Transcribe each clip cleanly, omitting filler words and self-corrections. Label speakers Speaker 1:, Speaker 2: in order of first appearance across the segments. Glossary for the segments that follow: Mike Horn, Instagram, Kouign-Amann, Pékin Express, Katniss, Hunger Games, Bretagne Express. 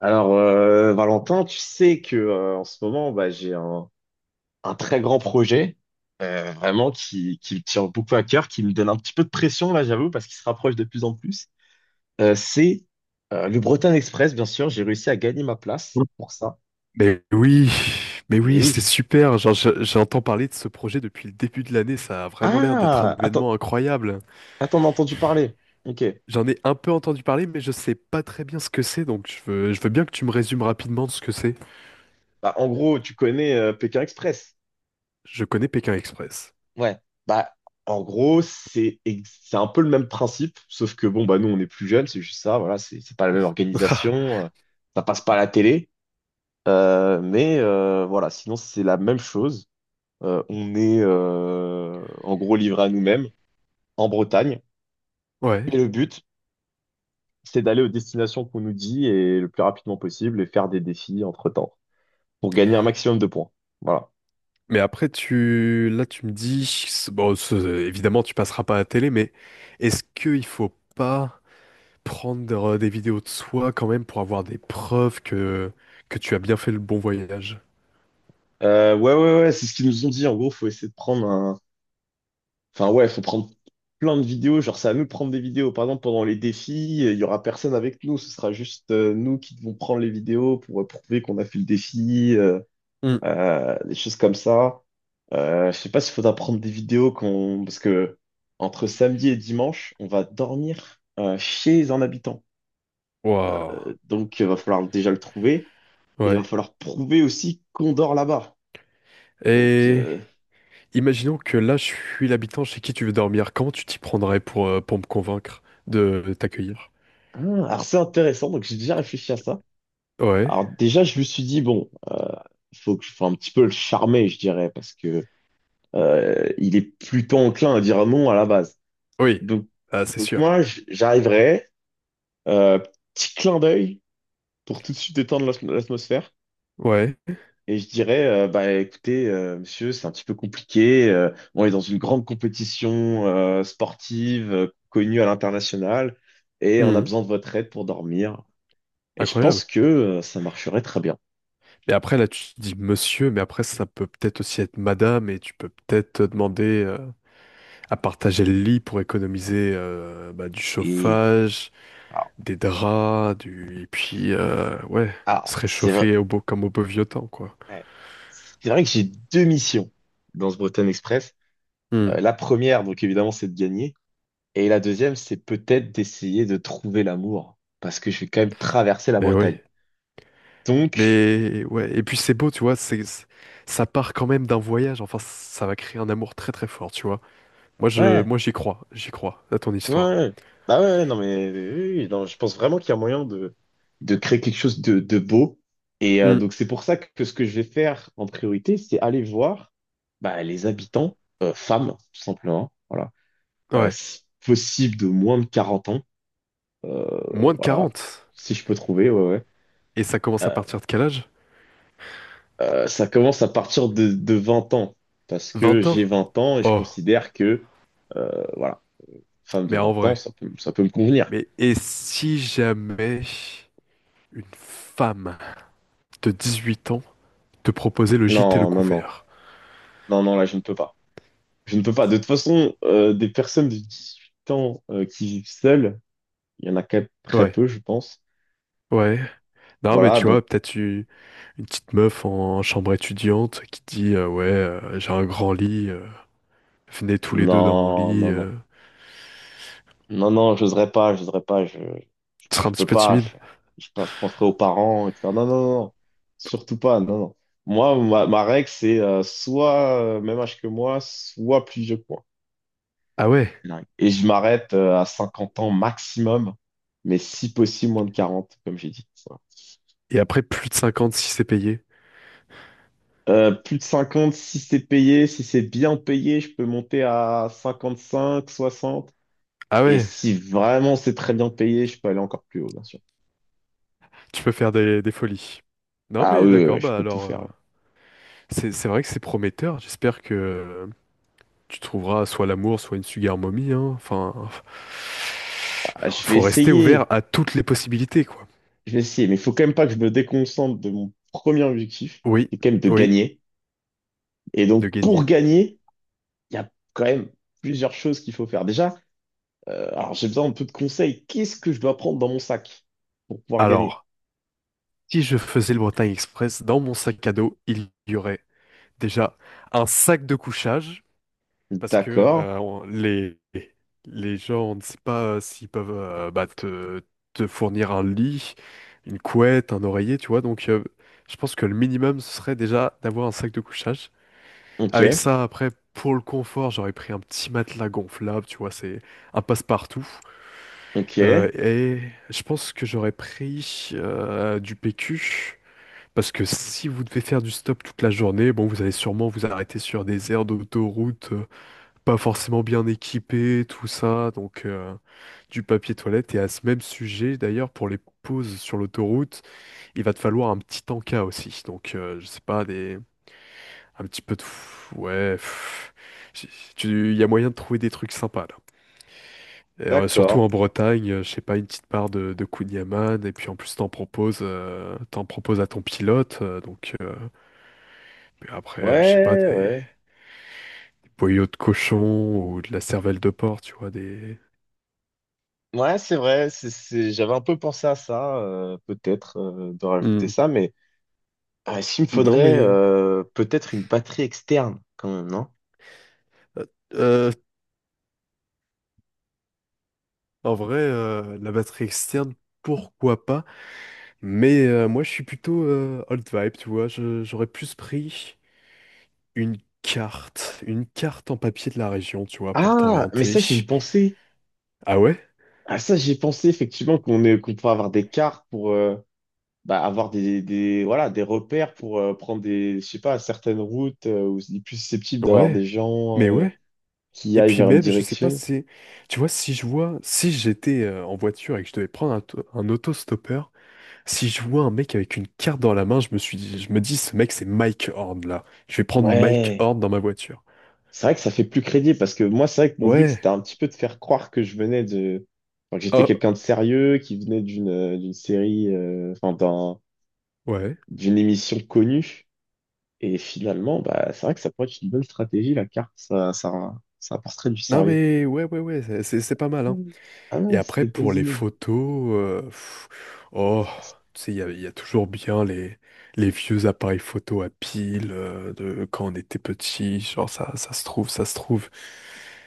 Speaker 1: Alors, Valentin, tu sais que en ce moment, bah, j'ai un très grand projet, vraiment qui me tient beaucoup à cœur, qui me donne un petit peu de pression là, j'avoue, parce qu'il se rapproche de plus en plus. C'est le Bretagne Express, bien sûr. J'ai réussi à gagner ma place pour ça.
Speaker 2: Mais oui, mais
Speaker 1: Et
Speaker 2: oui, c'est
Speaker 1: oui.
Speaker 2: super. Genre, j'entends parler de ce projet depuis le début de l'année. Ça a vraiment l'air d'être un
Speaker 1: Ah, attends,
Speaker 2: événement incroyable.
Speaker 1: attends, on a entendu parler. Ok.
Speaker 2: J'en ai un peu entendu parler, mais je sais pas très bien ce que c'est. Donc, je veux bien que tu me résumes rapidement ce que c'est.
Speaker 1: Bah, en gros, tu connais Pékin Express.
Speaker 2: Je connais Pékin Express.
Speaker 1: Ouais. Bah, en gros, c'est un peu le même principe, sauf que bon, bah nous, on est plus jeunes, c'est juste ça, voilà, c'est pas la même organisation, ça passe pas à la télé, mais voilà, sinon c'est la même chose. On est en gros livré à nous-mêmes en Bretagne,
Speaker 2: Ouais.
Speaker 1: et le but, c'est d'aller aux destinations qu'on nous dit et le plus rapidement possible et faire des défis entre-temps pour gagner un maximum de points. Voilà.
Speaker 2: Mais après, tu me dis, bon, évidemment, tu passeras pas à la télé, mais est-ce qu'il faut pas prendre des vidéos de soi quand même pour avoir des preuves que tu as bien fait le bon voyage?
Speaker 1: Ouais, ouais, ouais, c'est ce qu'ils nous ont dit. En gros, faut essayer de prendre Enfin, ouais, faut prendre plein de vidéos. Genre, c'est à nous de prendre des vidéos. Par exemple, pendant les défis, il y aura personne avec nous. Ce sera juste nous qui devons prendre les vidéos pour prouver qu'on a fait le défi, des choses comme ça. Je sais pas s'il faudra prendre des vidéos parce que entre samedi et dimanche, on va dormir chez un habitant.
Speaker 2: Waouh.
Speaker 1: Donc, il va falloir déjà le trouver et il va
Speaker 2: Ouais.
Speaker 1: falloir prouver aussi qu'on dort là-bas. Donc,
Speaker 2: Et imaginons que là, je suis l'habitant chez qui tu veux dormir. Comment tu t'y prendrais pour me convaincre de t'accueillir?
Speaker 1: ah, alors c'est intéressant. Donc, j'ai déjà réfléchi à ça.
Speaker 2: Ouais.
Speaker 1: Alors déjà, je me suis dit, bon, faut que je fasse un petit peu le charmer, je dirais, parce que il est plutôt enclin à dire non à la base.
Speaker 2: Oui.
Speaker 1: Donc,
Speaker 2: Ah, c'est
Speaker 1: donc
Speaker 2: sûr.
Speaker 1: moi, j'arriverai, euh, petit clin d'œil pour tout de suite détendre l'atmosphère.
Speaker 2: Ouais.
Speaker 1: Et je dirais, bah écoutez, monsieur, c'est un petit peu compliqué. On est dans une grande compétition sportive connue à l'international et on a
Speaker 2: Mhm.
Speaker 1: besoin de votre aide pour dormir. Et je
Speaker 2: Incroyable.
Speaker 1: pense que ça marcherait très bien.
Speaker 2: Mais après, là, tu dis monsieur, mais après, ça peut peut-être aussi être madame, et tu peux peut-être te demander à partager le lit pour économiser bah, du
Speaker 1: Et
Speaker 2: chauffage,
Speaker 1: alors,
Speaker 2: des draps, et puis, ouais,
Speaker 1: ah,
Speaker 2: se
Speaker 1: c'est,
Speaker 2: réchauffer comme au beau vieux temps, quoi.
Speaker 1: ouais. C'est vrai que j'ai deux missions dans ce Bretagne Express.
Speaker 2: Mhm.
Speaker 1: La première, donc évidemment, c'est de gagner. Et la deuxième, c'est peut-être d'essayer de trouver l'amour. Parce que je vais quand même traverser la
Speaker 2: Mais oui.
Speaker 1: Bretagne. Donc,
Speaker 2: Mais ouais, et puis c'est beau, tu vois, ça part quand même d'un voyage, enfin ça va créer un amour très très fort, tu vois. Moi je
Speaker 1: ouais,
Speaker 2: moi j'y crois à ton histoire.
Speaker 1: ouais, bah ouais, non mais oui, oui, non, je pense vraiment qu'il y a moyen de créer quelque chose de beau. Et
Speaker 2: Hmm,
Speaker 1: donc, c'est pour ça que ce que je vais faire en priorité, c'est aller voir bah, les habitants, femmes, tout simplement, voilà. Euh,
Speaker 2: ouais,
Speaker 1: si possible de moins de 40 ans. Euh,
Speaker 2: moins de
Speaker 1: voilà,
Speaker 2: 40.
Speaker 1: si je peux trouver, ouais, ouais.
Speaker 2: Et ça commence à
Speaker 1: Euh,
Speaker 2: partir de quel âge?
Speaker 1: ça commence à partir de 20 ans, parce que
Speaker 2: 20 ans?
Speaker 1: j'ai 20 ans et je
Speaker 2: Oh,
Speaker 1: considère que, voilà, femme de
Speaker 2: mais en
Speaker 1: 20 ans,
Speaker 2: vrai.
Speaker 1: ça peut me convenir.
Speaker 2: Mais et si jamais une femme de 18 ans te proposait le gîte et le
Speaker 1: Non, non, non,
Speaker 2: couvert?
Speaker 1: non, non, là, je ne peux pas. Je ne peux pas. De toute façon, des personnes de 18 ans qui vivent seules, il y en a quand même très
Speaker 2: Ouais,
Speaker 1: peu, je pense.
Speaker 2: ouais. Non mais
Speaker 1: Voilà,
Speaker 2: tu
Speaker 1: donc,
Speaker 2: vois, peut-être tu une petite meuf en chambre étudiante qui dit ouais, j'ai un grand lit, venez tous les deux dans mon
Speaker 1: non,
Speaker 2: lit,
Speaker 1: non, non. Non, non, j'oserais pas, je,
Speaker 2: tu seras
Speaker 1: je
Speaker 2: un petit
Speaker 1: peux
Speaker 2: peu
Speaker 1: pas,
Speaker 2: timide.
Speaker 1: je penserai aux parents, etc. Non, non, non, non. Surtout pas, non, non. Moi, ma règle, c'est soit même âge que moi, soit plus vieux que moi.
Speaker 2: Ah ouais.
Speaker 1: Ouais. Et je m'arrête à 50 ans maximum, mais si possible moins de 40, comme j'ai dit. Ça.
Speaker 2: Et après, plus de 50 si c'est payé.
Speaker 1: Plus de 50, si c'est payé, si c'est bien payé, je peux monter à 55, 60.
Speaker 2: Ah
Speaker 1: Et
Speaker 2: ouais,
Speaker 1: si vraiment c'est très bien payé, je peux aller encore plus haut, bien sûr.
Speaker 2: tu peux faire des folies. Non
Speaker 1: Ah
Speaker 2: mais
Speaker 1: oui, oui,
Speaker 2: d'accord,
Speaker 1: oui, je
Speaker 2: bah
Speaker 1: peux tout
Speaker 2: alors,
Speaker 1: faire.
Speaker 2: c'est vrai que c'est prometteur. J'espère que tu trouveras soit l'amour, soit une sugar mommy, hein. Enfin,
Speaker 1: Ah, je vais
Speaker 2: faut rester ouvert
Speaker 1: essayer.
Speaker 2: à toutes les possibilités, quoi.
Speaker 1: Je vais essayer, mais il faut quand même pas que je me déconcentre de mon premier objectif,
Speaker 2: Oui,
Speaker 1: qui est quand même de
Speaker 2: oui,
Speaker 1: gagner. Et
Speaker 2: de
Speaker 1: donc, pour
Speaker 2: gagner.
Speaker 1: gagner, il y a quand même plusieurs choses qu'il faut faire. Déjà, alors j'ai besoin un peu de conseils. Qu'est-ce que je dois prendre dans mon sac pour pouvoir gagner?
Speaker 2: Alors, si je faisais le Bretagne Express, dans mon sac à dos, il y aurait déjà un sac de couchage. Parce que
Speaker 1: D'accord,
Speaker 2: les gens, on ne sait pas s'ils peuvent bah, te fournir un lit, une couette, un oreiller, tu vois. Donc, je pense que le minimum, ce serait déjà d'avoir un sac de couchage.
Speaker 1: ok,
Speaker 2: Avec ça, après, pour le confort, j'aurais pris un petit matelas gonflable, tu vois, c'est un passe-partout. Euh,
Speaker 1: ok,
Speaker 2: et je pense que j'aurais pris du PQ. Parce que si vous devez faire du stop toute la journée, bon, vous allez sûrement vous arrêter sur des aires d'autoroute pas forcément bien équipés, tout ça, donc du papier toilette. Et à ce même sujet, d'ailleurs, pour les pauses sur l'autoroute, il va te falloir un petit tanka aussi. Donc, je sais pas, des... un petit peu de... f- ouais, j- il y a moyen de trouver des trucs sympas, là. Et, surtout
Speaker 1: d'accord.
Speaker 2: en Bretagne, je sais pas, une petite part de Kouign-Amann, et puis en plus t'en proposes à ton pilote, puis après, je sais pas,
Speaker 1: Ouais,
Speaker 2: des
Speaker 1: ouais.
Speaker 2: boyaux de cochon ou de la cervelle de porc, tu vois, des...
Speaker 1: Ouais, c'est vrai, j'avais un peu pensé à ça, peut-être, de rajouter
Speaker 2: Hmm.
Speaker 1: ça, mais ah, est-ce qu'il me
Speaker 2: Non
Speaker 1: faudrait
Speaker 2: mais
Speaker 1: peut-être une batterie externe, quand même, non?
Speaker 2: Euh, euh, en vrai, la batterie externe, pourquoi pas? Mais moi, je suis plutôt old vibe, tu vois. J'aurais plus pris une une carte en papier de la région, tu vois, pour
Speaker 1: Ah, mais
Speaker 2: t'orienter.
Speaker 1: ça, j'y ai pensé.
Speaker 2: Ah ouais?
Speaker 1: Ah ça, j'ai pensé effectivement qu'on pourrait avoir des cartes pour bah, avoir voilà, des repères pour prendre des, je sais pas, certaines routes où il est plus susceptible d'avoir des
Speaker 2: Ouais.
Speaker 1: gens
Speaker 2: Mais ouais.
Speaker 1: qui
Speaker 2: Et
Speaker 1: aillent
Speaker 2: puis
Speaker 1: vers une
Speaker 2: même, je sais pas,
Speaker 1: direction.
Speaker 2: tu vois, si je vois, si j'étais en voiture et que je devais prendre un autostoppeur, si je vois un mec avec une carte dans la main, je me dis, ce mec, c'est Mike Horn là. Je vais prendre Mike
Speaker 1: Ouais,
Speaker 2: Horn dans ma voiture.
Speaker 1: c'est vrai que ça fait plus crédible parce que moi, c'est vrai que mon but, c'était
Speaker 2: Ouais.
Speaker 1: un petit peu de faire croire que je venais enfin, que j'étais
Speaker 2: Oh,
Speaker 1: quelqu'un de sérieux, qui venait d'une série, enfin,
Speaker 2: ouais.
Speaker 1: d'une émission connue. Et finalement, bah, c'est vrai que ça pourrait être une bonne stratégie, la carte, ça apporterait du
Speaker 2: Non
Speaker 1: sérieux.
Speaker 2: mais ouais, ouais, ouais, c'est pas mal, hein.
Speaker 1: Hmm. Ah
Speaker 2: Et
Speaker 1: non, c'est
Speaker 2: après
Speaker 1: des bonnes
Speaker 2: pour les
Speaker 1: idées.
Speaker 2: photos, oh, tu sais, il y a toujours bien les vieux appareils photo à pile de quand on était petit, genre ça se trouve, ça se trouve.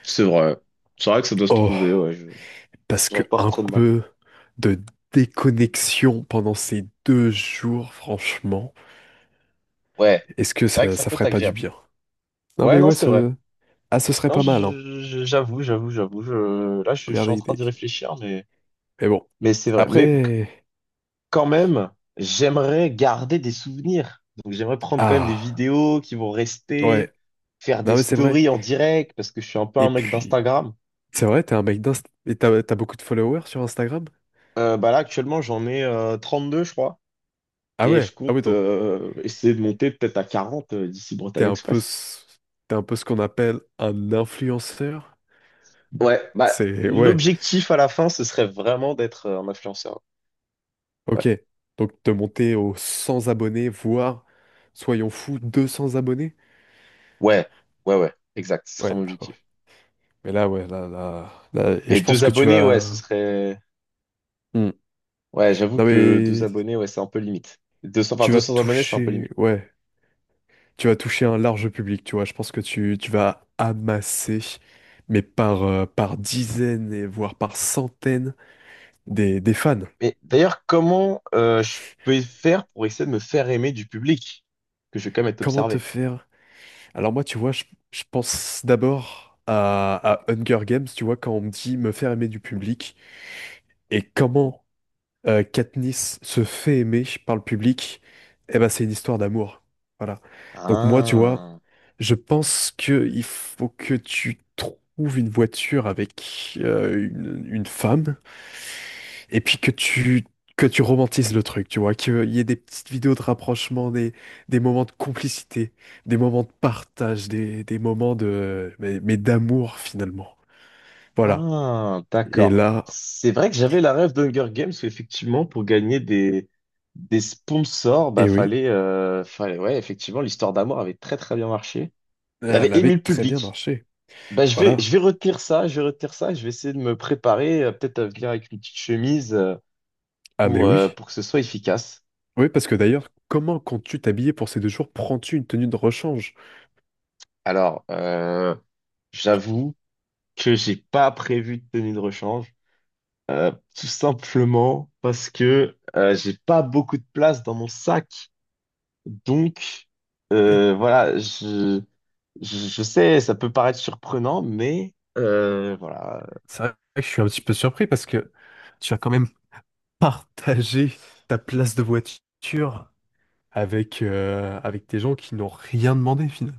Speaker 1: C'est vrai. C'est vrai que ça doit se trouver,
Speaker 2: Oh,
Speaker 1: ouais. Je
Speaker 2: parce que
Speaker 1: J'aurais pas
Speaker 2: un
Speaker 1: trop de mal.
Speaker 2: peu de déconnexion pendant ces 2 jours, franchement,
Speaker 1: Ouais.
Speaker 2: est-ce que
Speaker 1: C'est vrai que
Speaker 2: ça
Speaker 1: ça
Speaker 2: ça
Speaker 1: peut être
Speaker 2: ferait pas du
Speaker 1: agréable.
Speaker 2: bien? Non
Speaker 1: Ouais,
Speaker 2: mais
Speaker 1: non,
Speaker 2: ouais,
Speaker 1: c'est vrai.
Speaker 2: ce serait
Speaker 1: Non,
Speaker 2: pas mal, hein.
Speaker 1: j'avoue, j'avoue, j'avoue. Là, je suis
Speaker 2: Regardez
Speaker 1: en train
Speaker 2: l'idée.
Speaker 1: d'y réfléchir, mais,
Speaker 2: Mais bon,
Speaker 1: mais c'est vrai. Mais
Speaker 2: après.
Speaker 1: quand même, j'aimerais garder des souvenirs. Donc, j'aimerais prendre quand même des
Speaker 2: Ah
Speaker 1: vidéos qui vont rester,
Speaker 2: ouais.
Speaker 1: faire des
Speaker 2: Non, mais c'est vrai.
Speaker 1: stories en direct, parce que je suis un peu un
Speaker 2: Et
Speaker 1: mec
Speaker 2: puis,
Speaker 1: d'Instagram.
Speaker 2: c'est vrai, t'es un mec d'Inst... Et t'as beaucoup de followers sur Instagram?
Speaker 1: Bah là, actuellement, j'en ai deux je crois.
Speaker 2: Ah
Speaker 1: Et
Speaker 2: ouais,
Speaker 1: je
Speaker 2: ah ouais,
Speaker 1: compte
Speaker 2: donc
Speaker 1: essayer de monter peut-être à 40 d'ici
Speaker 2: t'es
Speaker 1: Bretagne
Speaker 2: un peu,
Speaker 1: Express.
Speaker 2: ce- t'es un peu ce qu'on appelle un influenceur?
Speaker 1: Ouais, bah
Speaker 2: Ouais,
Speaker 1: l'objectif à la fin, ce serait vraiment d'être un influenceur.
Speaker 2: ok.
Speaker 1: Ouais,
Speaker 2: Donc te monter aux 100 abonnés, voire, soyons fous, 200 abonnés?
Speaker 1: ouais, ouais, ouais, exact, ce serait
Speaker 2: Ouais,
Speaker 1: mon
Speaker 2: ah bah ouais.
Speaker 1: objectif.
Speaker 2: Mais là, ouais, là, là, là... Et
Speaker 1: Et
Speaker 2: je pense
Speaker 1: deux
Speaker 2: que tu
Speaker 1: abonnés, ouais, ce
Speaker 2: vas...
Speaker 1: serait...
Speaker 2: Hmm.
Speaker 1: Ouais, j'avoue
Speaker 2: Non,
Speaker 1: que deux
Speaker 2: mais
Speaker 1: abonnés, ouais, c'est un peu limite. 200, enfin,
Speaker 2: tu vas
Speaker 1: 200 abonnés, c'est un peu
Speaker 2: toucher...
Speaker 1: limite.
Speaker 2: Ouais. Tu vas toucher un large public, tu vois. Je pense que tu vas amasser, mais par dizaines et voire par centaines des fans.
Speaker 1: Mais d'ailleurs, comment je peux faire pour essayer de me faire aimer du public? Que je vais quand même être
Speaker 2: Comment te
Speaker 1: observé.
Speaker 2: faire? Alors moi, tu vois, je pense d'abord à Hunger Games, tu vois, quand on me dit me faire aimer du public, et comment Katniss se fait aimer par le public, eh ben c'est une histoire d'amour. Voilà. Donc moi, tu vois,
Speaker 1: Ah.
Speaker 2: je pense que il faut que tu trouves une voiture avec une femme et puis que tu romantises le truc, tu vois, qu'il y ait des petites vidéos de rapprochement, des moments de complicité, des moments de partage, des moments de mais d'amour finalement. Voilà.
Speaker 1: Ah,
Speaker 2: Et
Speaker 1: d'accord.
Speaker 2: là,
Speaker 1: C'est vrai que j'avais la rêve d'Hunger Games, où effectivement, pour gagner des sponsors, bah,
Speaker 2: et oui,
Speaker 1: fallait, ouais, effectivement, l'histoire d'amour avait très, très bien marché et avait
Speaker 2: elle avait
Speaker 1: ému le
Speaker 2: très bien
Speaker 1: public.
Speaker 2: marché.
Speaker 1: Bah,
Speaker 2: Voilà.
Speaker 1: je vais retenir ça, je vais retenir ça, je vais essayer de me préparer, peut-être à venir avec une petite chemise, euh,
Speaker 2: Ah mais
Speaker 1: pour, euh,
Speaker 2: oui.
Speaker 1: pour que ce soit efficace.
Speaker 2: Oui, parce que d'ailleurs, comment, quand tu t'habillais pour ces 2 jours, prends-tu une tenue de rechange?
Speaker 1: Alors, j'avoue que j'ai pas prévu de tenue de rechange, tout simplement parce que, j'ai pas beaucoup de place dans mon sac. Donc,
Speaker 2: Eh,
Speaker 1: voilà, je sais, ça peut paraître surprenant, mais voilà.
Speaker 2: c'est vrai que je suis un petit peu surpris parce que tu as quand même partagé ta place de voiture avec des gens qui n'ont rien demandé finalement.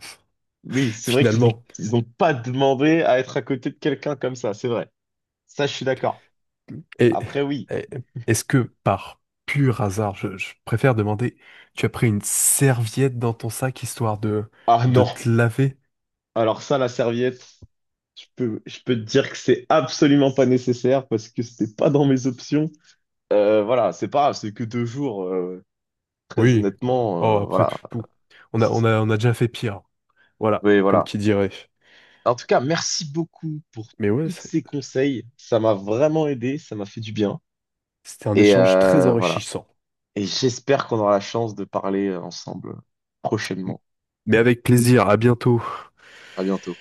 Speaker 1: Oui, c'est vrai
Speaker 2: Finalement.
Speaker 1: ils ont pas demandé à être à côté de quelqu'un comme ça, c'est vrai. Ça, je suis d'accord.
Speaker 2: Et,
Speaker 1: Après, oui.
Speaker 2: et- est-ce que par pur hasard, je préfère demander, tu as pris une serviette dans ton sac histoire de,
Speaker 1: Ah
Speaker 2: de
Speaker 1: non.
Speaker 2: te laver?
Speaker 1: Alors ça, la serviette, je peux te dire que c'est absolument pas nécessaire parce que c'était pas dans mes options. Voilà, c'est pas grave, c'est que 2 jours. Très
Speaker 2: Oui.
Speaker 1: honnêtement,
Speaker 2: Oh, après
Speaker 1: voilà.
Speaker 2: tout, on a déjà fait pire. Voilà.
Speaker 1: Oui,
Speaker 2: Comme
Speaker 1: voilà.
Speaker 2: qui dirait.
Speaker 1: En tout cas, merci beaucoup pour
Speaker 2: Mais ouais,
Speaker 1: tous ces conseils. Ça m'a vraiment aidé, ça m'a fait du bien.
Speaker 2: c'était un
Speaker 1: Et
Speaker 2: échange très
Speaker 1: voilà.
Speaker 2: enrichissant.
Speaker 1: Et j'espère qu'on aura la chance de parler ensemble prochainement.
Speaker 2: Mais avec plaisir, à bientôt.
Speaker 1: À bientôt.